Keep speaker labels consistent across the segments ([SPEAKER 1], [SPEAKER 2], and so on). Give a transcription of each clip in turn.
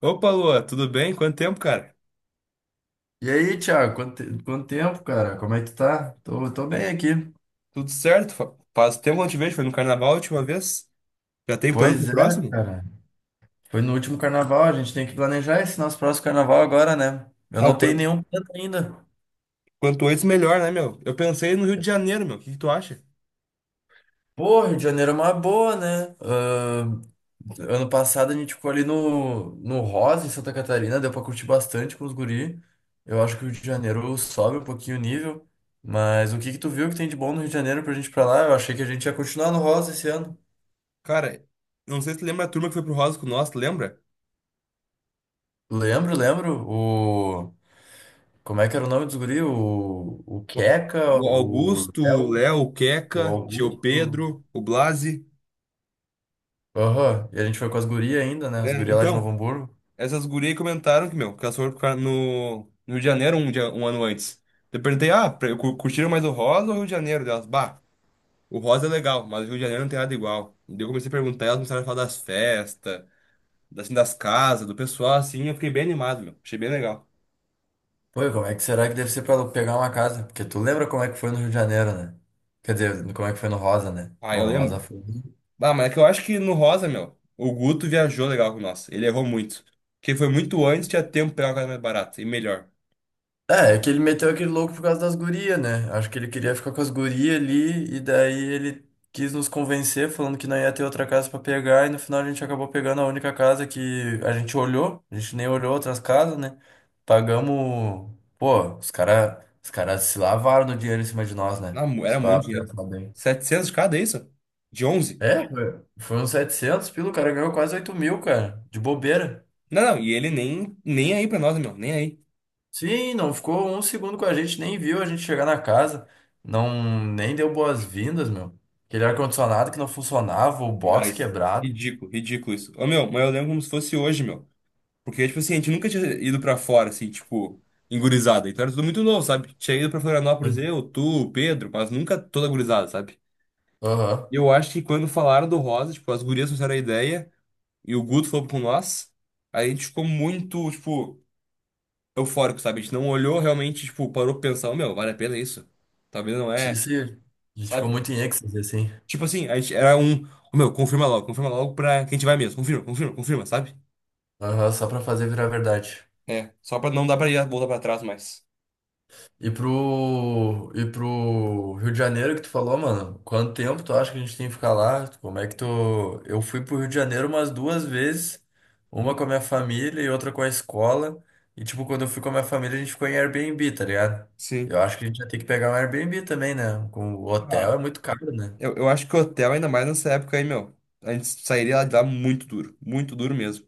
[SPEAKER 1] Opa, Lua, tudo bem? Quanto tempo, cara?
[SPEAKER 2] E aí, Thiago, quanto tempo, cara? Como é que tu tá? Tô bem aqui.
[SPEAKER 1] Tudo certo? Faz tempo que eu não te vejo, foi no carnaval a última vez. Já tem plano pro
[SPEAKER 2] Pois é,
[SPEAKER 1] próximo?
[SPEAKER 2] cara. Foi no último carnaval, a gente tem que planejar esse nosso próximo carnaval agora, né? Eu
[SPEAKER 1] Ah,
[SPEAKER 2] não tenho nenhum plano ainda.
[SPEAKER 1] quanto antes melhor, né, meu? Eu pensei no Rio de Janeiro, meu. O que que tu acha?
[SPEAKER 2] Pô, Rio de Janeiro é uma boa, né? Ano passado a gente ficou ali no Rosa, em Santa Catarina, deu pra curtir bastante com os guri. Eu acho que o Rio de Janeiro sobe um pouquinho o nível. Mas o que que tu viu que tem de bom no Rio de Janeiro pra gente ir pra lá? Eu achei que a gente ia continuar no Rosa esse ano.
[SPEAKER 1] Cara, não sei se tu lembra a turma que foi pro Rosa com nós, tu lembra?
[SPEAKER 2] Lembro, lembro. Como é que era o nome dos guri? O
[SPEAKER 1] O
[SPEAKER 2] Queca,
[SPEAKER 1] o
[SPEAKER 2] o
[SPEAKER 1] Augusto, o
[SPEAKER 2] Léo,
[SPEAKER 1] Léo, o
[SPEAKER 2] o
[SPEAKER 1] Queca, tio
[SPEAKER 2] Augusto.
[SPEAKER 1] Pedro, o Blasi.
[SPEAKER 2] Aham, e a gente foi com as gurias ainda, né? As
[SPEAKER 1] Né?
[SPEAKER 2] gurias lá de
[SPEAKER 1] Então,
[SPEAKER 2] Novo Hamburgo.
[SPEAKER 1] essas gurias aí comentaram que, meu, que elas foram no Rio de Janeiro um ano antes. Eu perguntei, ah, curtiram mais o Rosa ou o Rio de Janeiro delas? Bah. O Rosa é legal, mas o Rio de Janeiro não tem nada igual. E daí eu comecei a perguntar, elas começaram a falar das festas, assim, das casas, do pessoal, assim, eu fiquei bem animado, meu. Achei bem legal.
[SPEAKER 2] Pô, e como é que será que deve ser pra pegar uma casa? Porque tu lembra como é que foi no Rio de Janeiro, né? Quer dizer, como é que foi no Rosa, né?
[SPEAKER 1] Ah,
[SPEAKER 2] No
[SPEAKER 1] eu
[SPEAKER 2] Rosa
[SPEAKER 1] lembro.
[SPEAKER 2] foi.
[SPEAKER 1] Ah, mas é que eu acho que no Rosa, meu, o Guto viajou legal com nós. Ele errou muito. Porque foi muito antes, tinha tempo pra pegar uma casa mais barata e melhor.
[SPEAKER 2] É que ele meteu aquele louco por causa das gurias, né? Acho que ele queria ficar com as gurias ali, e daí ele quis nos convencer, falando que não ia ter outra casa pra pegar, e no final a gente acabou pegando a única casa que a gente olhou, a gente nem olhou outras casas, né? Pagamos. Pô, os caras os cara se lavaram no dinheiro em cima de nós, né?
[SPEAKER 1] Não, era
[SPEAKER 2] Se parar
[SPEAKER 1] muito
[SPEAKER 2] pra
[SPEAKER 1] dinheiro.
[SPEAKER 2] pensar bem.
[SPEAKER 1] 700 de cada, é isso? De 11?
[SPEAKER 2] É, foi uns 700 pila, o cara ganhou quase 8 mil, cara, de bobeira.
[SPEAKER 1] Não, não, e ele nem, nem aí pra nós, meu, nem aí.
[SPEAKER 2] Sim, não ficou um segundo com a gente, nem viu a gente chegar na casa, não nem deu boas-vindas, meu. Aquele ar-condicionado que não funcionava, o
[SPEAKER 1] Ah,
[SPEAKER 2] box
[SPEAKER 1] isso.
[SPEAKER 2] quebrado.
[SPEAKER 1] Ridículo, ridículo isso. Ô, meu, mas eu lembro como se fosse hoje, meu. Porque, tipo assim, a gente nunca tinha ido pra fora, assim, tipo, em gurizada. Então era tudo muito novo, sabe? Tinha ido pra Florianópolis,
[SPEAKER 2] Sim.
[SPEAKER 1] eu, tu, Pedro, mas nunca toda gurizada, sabe?
[SPEAKER 2] Aham.
[SPEAKER 1] E eu acho que quando falaram do Rosa, tipo, as gurias fizeram a ideia e o Guto falou com nós, aí a gente ficou muito, tipo, eufórico, sabe? A gente não olhou realmente, tipo, parou pra pensar, "Ô, meu, vale a pena isso? Talvez não é,
[SPEAKER 2] Isso, a gente ficou
[SPEAKER 1] sabe?
[SPEAKER 2] muito em êxtase, assim.
[SPEAKER 1] Tipo assim, a gente era um, "Ô, meu, confirma logo pra quem a gente vai mesmo, confirma, confirma, confirma, sabe?
[SPEAKER 2] Aham, só pra fazer virar verdade.
[SPEAKER 1] É, só pra não dar pra ir voltar pra trás mais.
[SPEAKER 2] E pro Rio de Janeiro que tu falou, mano, quanto tempo tu acha que a gente tem que ficar lá? Como é que tu. Eu fui pro Rio de Janeiro umas duas vezes, uma com a minha família e outra com a escola. E tipo, quando eu fui com a minha família, a gente ficou em Airbnb, tá ligado?
[SPEAKER 1] Sim.
[SPEAKER 2] Eu acho que a gente vai ter que pegar um Airbnb também, né? Com o hotel é
[SPEAKER 1] Ah.
[SPEAKER 2] muito caro, né?
[SPEAKER 1] Eu acho que hotel, ainda mais nessa época aí, meu, a gente sairia lá de lá muito duro mesmo.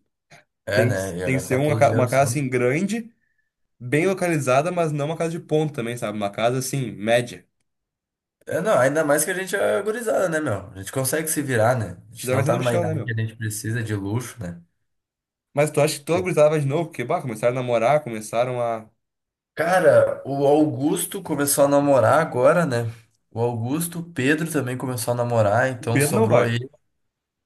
[SPEAKER 2] É,
[SPEAKER 1] Tem,
[SPEAKER 2] né? Ia
[SPEAKER 1] tem que ser
[SPEAKER 2] gastar
[SPEAKER 1] uma,
[SPEAKER 2] todo o dinheiro
[SPEAKER 1] uma
[SPEAKER 2] só.
[SPEAKER 1] casa assim grande, bem localizada, mas não uma casa de ponto também, sabe? Uma casa assim, média.
[SPEAKER 2] É, não, ainda mais que a gente é gurizada, né, meu? A gente consegue se virar, né? A
[SPEAKER 1] Te
[SPEAKER 2] gente
[SPEAKER 1] dá
[SPEAKER 2] não
[SPEAKER 1] vai ser
[SPEAKER 2] tá
[SPEAKER 1] no
[SPEAKER 2] numa
[SPEAKER 1] chão, né,
[SPEAKER 2] idade que a
[SPEAKER 1] meu?
[SPEAKER 2] gente precisa de luxo, né?
[SPEAKER 1] Mas tu acha que toda gurizada vai de novo? Porque, bah, começaram a namorar, começaram a.
[SPEAKER 2] Cara, o Augusto começou a namorar agora, né? O Augusto, o Pedro também começou a namorar,
[SPEAKER 1] O
[SPEAKER 2] então
[SPEAKER 1] Pedro não
[SPEAKER 2] sobrou
[SPEAKER 1] vai.
[SPEAKER 2] aí.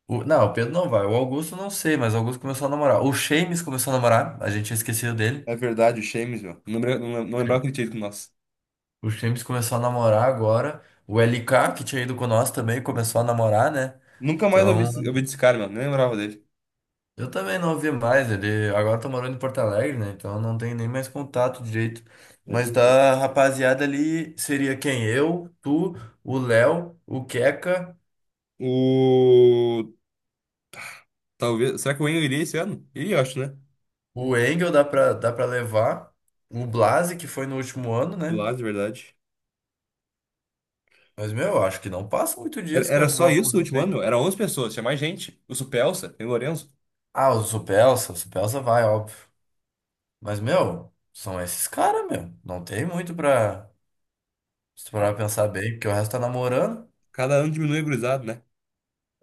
[SPEAKER 2] Não, o Pedro não vai. O Augusto não sei, mas o Augusto começou a namorar. O Shames começou a namorar, a gente tinha esquecido dele.
[SPEAKER 1] É verdade, o Shames, meu. Não, não, não lembrava que ele tinha ido com nós.
[SPEAKER 2] O Shames começou a namorar agora. O LK, que tinha ido com nós também, começou a namorar, né?
[SPEAKER 1] Nunca mais ouvi,
[SPEAKER 2] Então,
[SPEAKER 1] ouvi desse cara, meu. Nem lembrava dele.
[SPEAKER 2] eu também não ouvi mais. Ele agora tá morando em Porto Alegre, né? Então eu não tenho nem mais contato direito.
[SPEAKER 1] É
[SPEAKER 2] Mas
[SPEAKER 1] verdade.
[SPEAKER 2] da rapaziada ali seria quem? Eu, tu. O Léo, o Queca.
[SPEAKER 1] O. Talvez. Será que o Wayne iria esse ano? Iria, eu acho, né?
[SPEAKER 2] O Engel dá pra levar. O Blase, que foi no último ano,
[SPEAKER 1] Do
[SPEAKER 2] né?
[SPEAKER 1] lado, de verdade.
[SPEAKER 2] Mas, meu, eu acho que não passa muito
[SPEAKER 1] Era
[SPEAKER 2] disso,
[SPEAKER 1] era
[SPEAKER 2] cara. Se
[SPEAKER 1] só
[SPEAKER 2] vai
[SPEAKER 1] isso o
[SPEAKER 2] aposar
[SPEAKER 1] último ano,
[SPEAKER 2] bem.
[SPEAKER 1] meu? Era 11 pessoas, tinha mais gente. O Supelsa, tem o Lourenço.
[SPEAKER 2] Ah, o Supelsa vai, óbvio. Mas, meu, são esses caras, meu. Não tem muito pra, se tu parar
[SPEAKER 1] A-
[SPEAKER 2] pra pensar bem, porque o resto tá namorando.
[SPEAKER 1] Cada ano diminui a gurizado, né?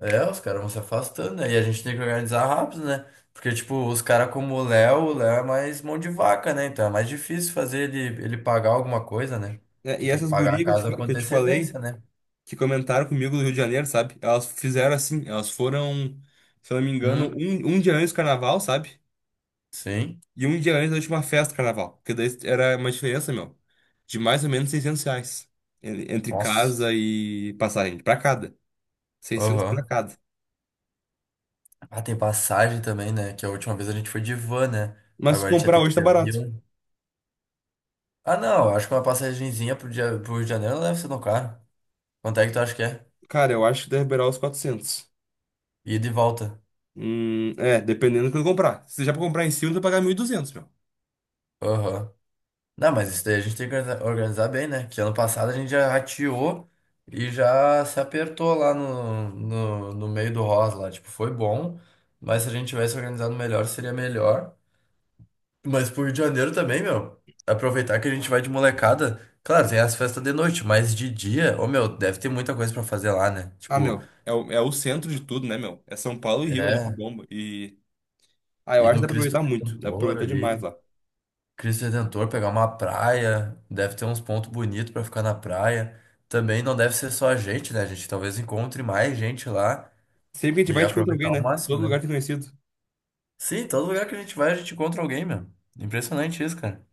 [SPEAKER 2] É, os caras vão se afastando, né? E a gente tem que organizar rápido, né? Porque, tipo, os caras como o Léo é mais mão de vaca, né? Então é mais difícil fazer ele pagar alguma coisa, né?
[SPEAKER 1] É.
[SPEAKER 2] Que
[SPEAKER 1] E
[SPEAKER 2] tem que
[SPEAKER 1] essas
[SPEAKER 2] pagar a
[SPEAKER 1] gurias que
[SPEAKER 2] casa com
[SPEAKER 1] que eu te falei,
[SPEAKER 2] antecedência, né?
[SPEAKER 1] que comentaram comigo do Rio de Janeiro, sabe? Elas fizeram assim, elas foram, se eu não me engano,
[SPEAKER 2] Hum,
[SPEAKER 1] um dia antes do carnaval, sabe?
[SPEAKER 2] sim.
[SPEAKER 1] E um dia antes da última festa do carnaval. Porque daí era uma diferença, meu, de mais ou menos 600 reais entre
[SPEAKER 2] Nossa.
[SPEAKER 1] casa e passagem, pra cada. seiscentos pra
[SPEAKER 2] Aham.
[SPEAKER 1] cada.
[SPEAKER 2] Ah, tem passagem também, né? Que a última vez a gente foi de van, né?
[SPEAKER 1] Mas se
[SPEAKER 2] Agora a gente vai
[SPEAKER 1] comprar
[SPEAKER 2] ter que
[SPEAKER 1] hoje
[SPEAKER 2] ir
[SPEAKER 1] tá
[SPEAKER 2] de
[SPEAKER 1] barato.
[SPEAKER 2] avião. Ah, não. Acho que uma passagenzinha pro dia, pro Rio de Janeiro não deve ser tão caro. Quanto é que tu acha que é?
[SPEAKER 1] Cara, eu acho que deve beirar os 400.
[SPEAKER 2] Ida e volta.
[SPEAKER 1] É, dependendo do que eu comprar. Se já pra comprar em cima, tu vai pagar 1.200, meu.
[SPEAKER 2] Aham. Não, mas isso daí a gente tem que organizar bem, né? Que ano passado a gente já rateou e já se apertou lá no meio do rosa lá. Tipo, foi bom, mas se a gente tivesse organizado melhor, seria melhor. Mas pro Rio de Janeiro também, meu. Aproveitar que a gente vai de molecada. Claro, tem as festas de noite, mas de dia, ô meu, deve ter muita coisa pra fazer lá, né?
[SPEAKER 1] Ah,
[SPEAKER 2] Tipo,
[SPEAKER 1] meu, é o centro de tudo, né, meu? É São Paulo e Rio ali que
[SPEAKER 2] é,
[SPEAKER 1] bomba. E. Ah, eu
[SPEAKER 2] ir
[SPEAKER 1] acho que
[SPEAKER 2] no
[SPEAKER 1] dá pra
[SPEAKER 2] Cristo
[SPEAKER 1] aproveitar muito. Dá pra
[SPEAKER 2] Redentor
[SPEAKER 1] aproveitar demais
[SPEAKER 2] ali.
[SPEAKER 1] lá.
[SPEAKER 2] Cristo Redentor, pegar uma praia. Deve ter uns pontos bonitos pra ficar na praia. Também não deve ser só a gente, né? A gente talvez encontre mais gente lá
[SPEAKER 1] Sempre que a gente
[SPEAKER 2] e
[SPEAKER 1] vai, a gente encontra alguém,
[SPEAKER 2] aproveitar ao
[SPEAKER 1] né?
[SPEAKER 2] máximo,
[SPEAKER 1] Todo lugar
[SPEAKER 2] né?
[SPEAKER 1] tem conhecido.
[SPEAKER 2] Sim, todo lugar que a gente vai, a gente encontra alguém, meu. Impressionante isso, cara.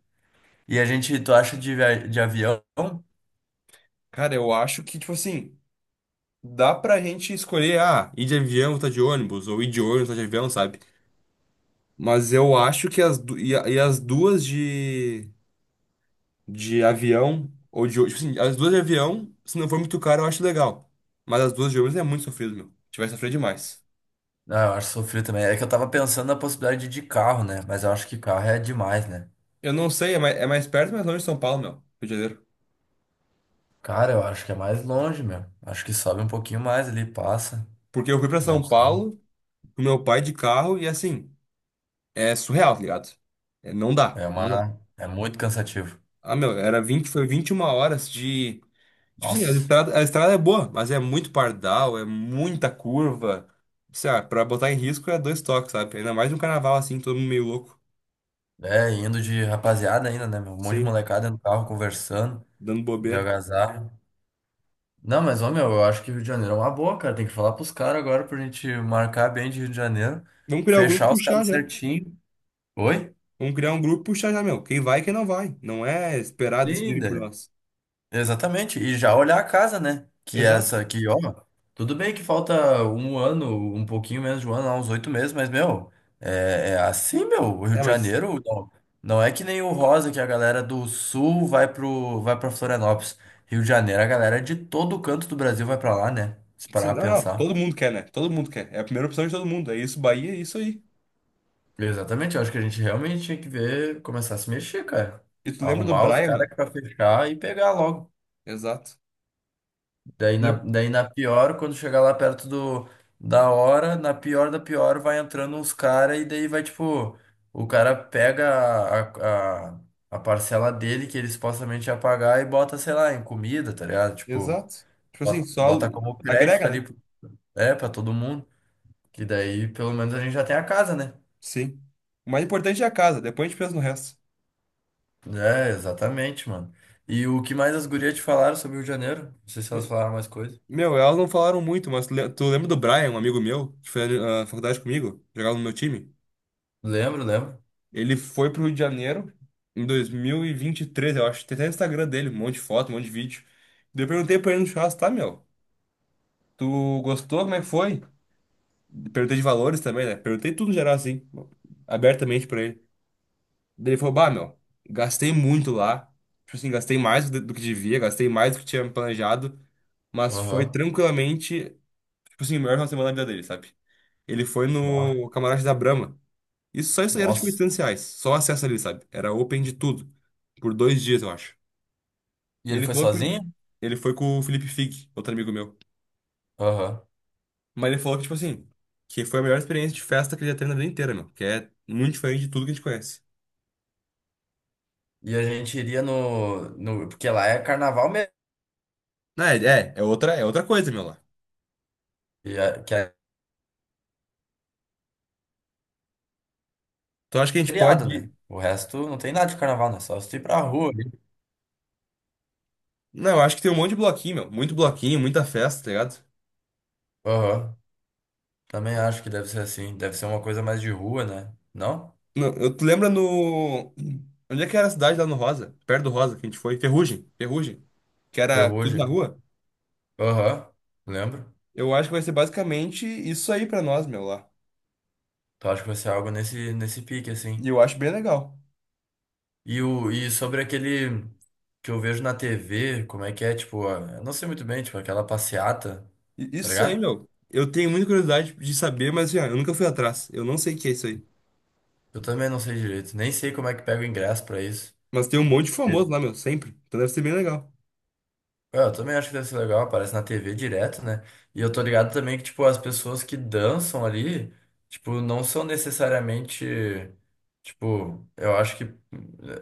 [SPEAKER 2] E a gente, tu acha de avião?
[SPEAKER 1] Cara, eu acho que, tipo assim, dá pra gente escolher, ah, ir de avião, tá de ônibus, ou ir de ônibus, tá de avião, sabe? Mas eu acho que as, e, e as duas de. Avião ou de ônibus. Tipo assim, as duas de avião, se não for muito caro, eu acho legal. Mas as duas de ônibus é muito sofrido, meu. Tiver sofrido demais.
[SPEAKER 2] Ah, eu acho sofrido também. É que eu tava pensando na possibilidade de carro, né? Mas eu acho que carro é demais, né?
[SPEAKER 1] Eu não sei, é mais perto, mas é longe de São Paulo, meu. Rio de Janeiro.
[SPEAKER 2] Cara, eu acho que é mais longe, meu. Acho que sobe um pouquinho mais ali, passa.
[SPEAKER 1] Porque eu fui pra
[SPEAKER 2] Não
[SPEAKER 1] São
[SPEAKER 2] sei.
[SPEAKER 1] Paulo com meu pai de carro e assim, é surreal, tá ligado? É, não dá, não dá.
[SPEAKER 2] É muito cansativo.
[SPEAKER 1] Ah, meu, era 20 foi 21 horas de. Tipo assim, a
[SPEAKER 2] Nossa.
[SPEAKER 1] estrada, a estrada é boa, mas é muito pardal, é muita curva. Sei lá, pra botar em risco é dois toques, sabe? Ainda mais um carnaval assim, todo mundo meio louco.
[SPEAKER 2] É, indo de rapaziada ainda, né, meu? Um monte de
[SPEAKER 1] Sim,
[SPEAKER 2] molecada no carro conversando,
[SPEAKER 1] dando
[SPEAKER 2] de
[SPEAKER 1] bobeira.
[SPEAKER 2] algazarra. Não, mas, ô, meu, eu acho que Rio de Janeiro é uma boa, cara. Tem que falar pros caras agora pra gente marcar bem de Rio de Janeiro.
[SPEAKER 1] Vamos criar o grupo e
[SPEAKER 2] Fechar os
[SPEAKER 1] puxar
[SPEAKER 2] caras
[SPEAKER 1] já.
[SPEAKER 2] certinho. Oi?
[SPEAKER 1] Vamos criar um grupo e puxar já, meu. Quem vai e quem não vai. Não é esperar decidirem por
[SPEAKER 2] Linda.
[SPEAKER 1] nós.
[SPEAKER 2] Exatamente, e já olhar a casa, né? Que é
[SPEAKER 1] Exato.
[SPEAKER 2] essa aqui, ó, tudo bem que falta um ano, um pouquinho menos de um ano, lá, uns 8 meses, mas, meu, é assim, meu, o Rio
[SPEAKER 1] É,
[SPEAKER 2] de
[SPEAKER 1] mas.
[SPEAKER 2] Janeiro não é que nem o Rosa, que a galera do Sul vai pra Florianópolis. Rio de Janeiro, a galera de todo canto do Brasil vai pra lá, né? Se parar
[SPEAKER 1] Não,
[SPEAKER 2] pra
[SPEAKER 1] não,
[SPEAKER 2] pensar.
[SPEAKER 1] todo mundo quer, né? Todo mundo quer. É a primeira opção de todo mundo. É isso, Bahia, é isso aí.
[SPEAKER 2] Exatamente, eu acho que a gente realmente tinha que ver, começar a se mexer, cara.
[SPEAKER 1] E tu lembra do
[SPEAKER 2] Arrumar os
[SPEAKER 1] Brian,
[SPEAKER 2] caras
[SPEAKER 1] meu?
[SPEAKER 2] pra fechar e pegar logo.
[SPEAKER 1] Exato.
[SPEAKER 2] Daí na,
[SPEAKER 1] Lembra?
[SPEAKER 2] daí na pior, quando chegar lá perto da hora, na pior da pior, vai entrando uns caras e daí vai tipo, o cara pega a, a, a parcela dele que ele supostamente ia pagar e bota, sei lá, em comida, tá ligado? Tipo,
[SPEAKER 1] Exato. Tipo assim,
[SPEAKER 2] bota,
[SPEAKER 1] só
[SPEAKER 2] bota como crédito
[SPEAKER 1] agrega,
[SPEAKER 2] ali,
[SPEAKER 1] né?
[SPEAKER 2] é, pra todo mundo. Que daí pelo menos a gente já tem a casa, né?
[SPEAKER 1] Sim. O mais importante é a casa, depois a gente pensa no resto.
[SPEAKER 2] É, exatamente, mano. E o que mais as gurias te falaram sobre o Rio de Janeiro? Não sei se elas
[SPEAKER 1] Me-
[SPEAKER 2] falaram mais coisa.
[SPEAKER 1] Meu, elas não falaram muito, mas tu lembra do Brian, um amigo meu, que foi na faculdade comigo, jogava no meu time?
[SPEAKER 2] Lembro, lembro.
[SPEAKER 1] Ele foi pro Rio de Janeiro em 2023, eu acho. Tem até o Instagram dele, um monte de foto, um monte de vídeo. Daí eu perguntei pra ele no churrasco, tá, meu? Tu gostou? Como é que foi? Perguntei de valores também, né? Perguntei tudo no geral, assim, abertamente pra ele. Daí ele falou, bah, meu, gastei muito lá. Tipo assim, gastei mais do que devia, gastei mais do que tinha planejado. Mas foi
[SPEAKER 2] Aham.
[SPEAKER 1] tranquilamente, tipo assim, o melhor final de semana da vida dele, sabe? Ele foi
[SPEAKER 2] Bah.
[SPEAKER 1] no camarote da Brahma. Isso Só isso aí era tipo
[SPEAKER 2] Nossa.
[SPEAKER 1] R$ 800. Só o acesso ali, sabe? Era open de tudo. Por 2 dias, eu acho.
[SPEAKER 2] E
[SPEAKER 1] E
[SPEAKER 2] ele
[SPEAKER 1] ele
[SPEAKER 2] foi
[SPEAKER 1] falou que.
[SPEAKER 2] sozinho?
[SPEAKER 1] Ele foi com o Felipe Fig, outro amigo meu.
[SPEAKER 2] Aham.
[SPEAKER 1] Mas ele falou que, tipo assim, que foi a melhor experiência de festa que ele já teve na vida inteira, meu. Que é muito diferente de tudo que a gente conhece.
[SPEAKER 2] E a gente iria no. Porque lá é carnaval mesmo,
[SPEAKER 1] Não, é, é outra, é outra coisa, meu, lá.
[SPEAKER 2] e que é
[SPEAKER 1] Então acho que a gente
[SPEAKER 2] feriado, né?
[SPEAKER 1] pode.
[SPEAKER 2] O resto não tem nada de carnaval, né? Só se tu ir pra rua ali.
[SPEAKER 1] Não, eu acho que tem um monte de bloquinho, meu. Muito bloquinho, muita festa, tá ligado?
[SPEAKER 2] Aham. Também acho que deve ser assim. Deve ser uma coisa mais de rua, né? Não?
[SPEAKER 1] Não, eu tu lembra no. Onde é que era a cidade lá no Rosa? Perto do Rosa que a gente foi? Ferrugem, Ferrugem. Que era tudo na
[SPEAKER 2] Ferrugem.
[SPEAKER 1] rua?
[SPEAKER 2] Aham. Lembro.
[SPEAKER 1] Eu acho que vai ser basicamente isso aí pra nós, meu, lá.
[SPEAKER 2] Então acho que vai ser algo nesse pique, assim.
[SPEAKER 1] E eu acho bem legal.
[SPEAKER 2] E sobre aquele que eu vejo na TV, como é que é, tipo, eu não sei muito bem, tipo, aquela passeata, tá
[SPEAKER 1] Isso aí,
[SPEAKER 2] ligado?
[SPEAKER 1] meu. Eu tenho muita curiosidade de saber, mas assim, ó, eu nunca fui atrás. Eu não sei o que é isso aí.
[SPEAKER 2] Eu também não sei direito. Nem sei como é que pega o ingresso pra isso.
[SPEAKER 1] Mas tem um monte de famoso lá, meu, sempre. Então deve ser bem legal.
[SPEAKER 2] É, eu também acho que deve ser legal, aparece na TV direto, né? E eu tô ligado também que, tipo, as pessoas que dançam ali, tipo, não são necessariamente, tipo,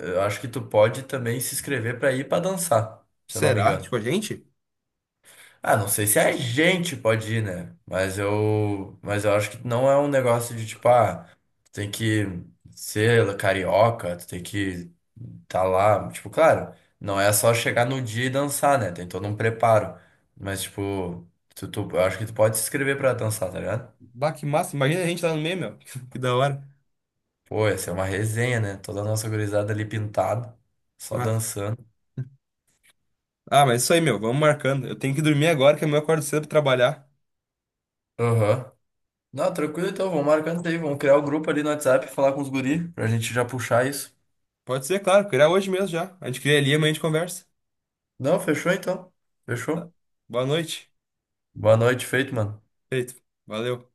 [SPEAKER 2] eu acho que tu pode também se inscrever pra ir pra dançar, se eu não me
[SPEAKER 1] Será?
[SPEAKER 2] engano.
[SPEAKER 1] Tipo, a gente?
[SPEAKER 2] Ah, não sei se a gente pode ir, né? Mas eu acho que não é um negócio de tipo, ah, tu tem que ser carioca, tu tem que tá lá. Tipo, claro, não é só chegar no dia e dançar, né? Tem todo um preparo. Mas, tipo, eu acho que tu pode se inscrever pra dançar, tá ligado?
[SPEAKER 1] Bah, que massa. Imagina a gente lá no meio, meu. Que da hora.
[SPEAKER 2] Pô, ia ser uma resenha, né? Toda a nossa gurizada ali pintada, só
[SPEAKER 1] Ah,
[SPEAKER 2] dançando.
[SPEAKER 1] ah, mas isso aí, meu. Vamos marcando. Eu tenho que dormir agora, que amanhã eu acordo cedo pra trabalhar.
[SPEAKER 2] Aham. Não, tranquilo então, vamos marcando isso aí, vamos criar o grupo ali no WhatsApp, falar com os guri, pra gente já puxar isso.
[SPEAKER 1] Pode ser, claro. Criar hoje mesmo já. A gente cria ali, amanhã a gente conversa.
[SPEAKER 2] Não, fechou então.
[SPEAKER 1] Tá.
[SPEAKER 2] Fechou.
[SPEAKER 1] Boa noite.
[SPEAKER 2] Boa noite, feito, mano.
[SPEAKER 1] Feito. Valeu.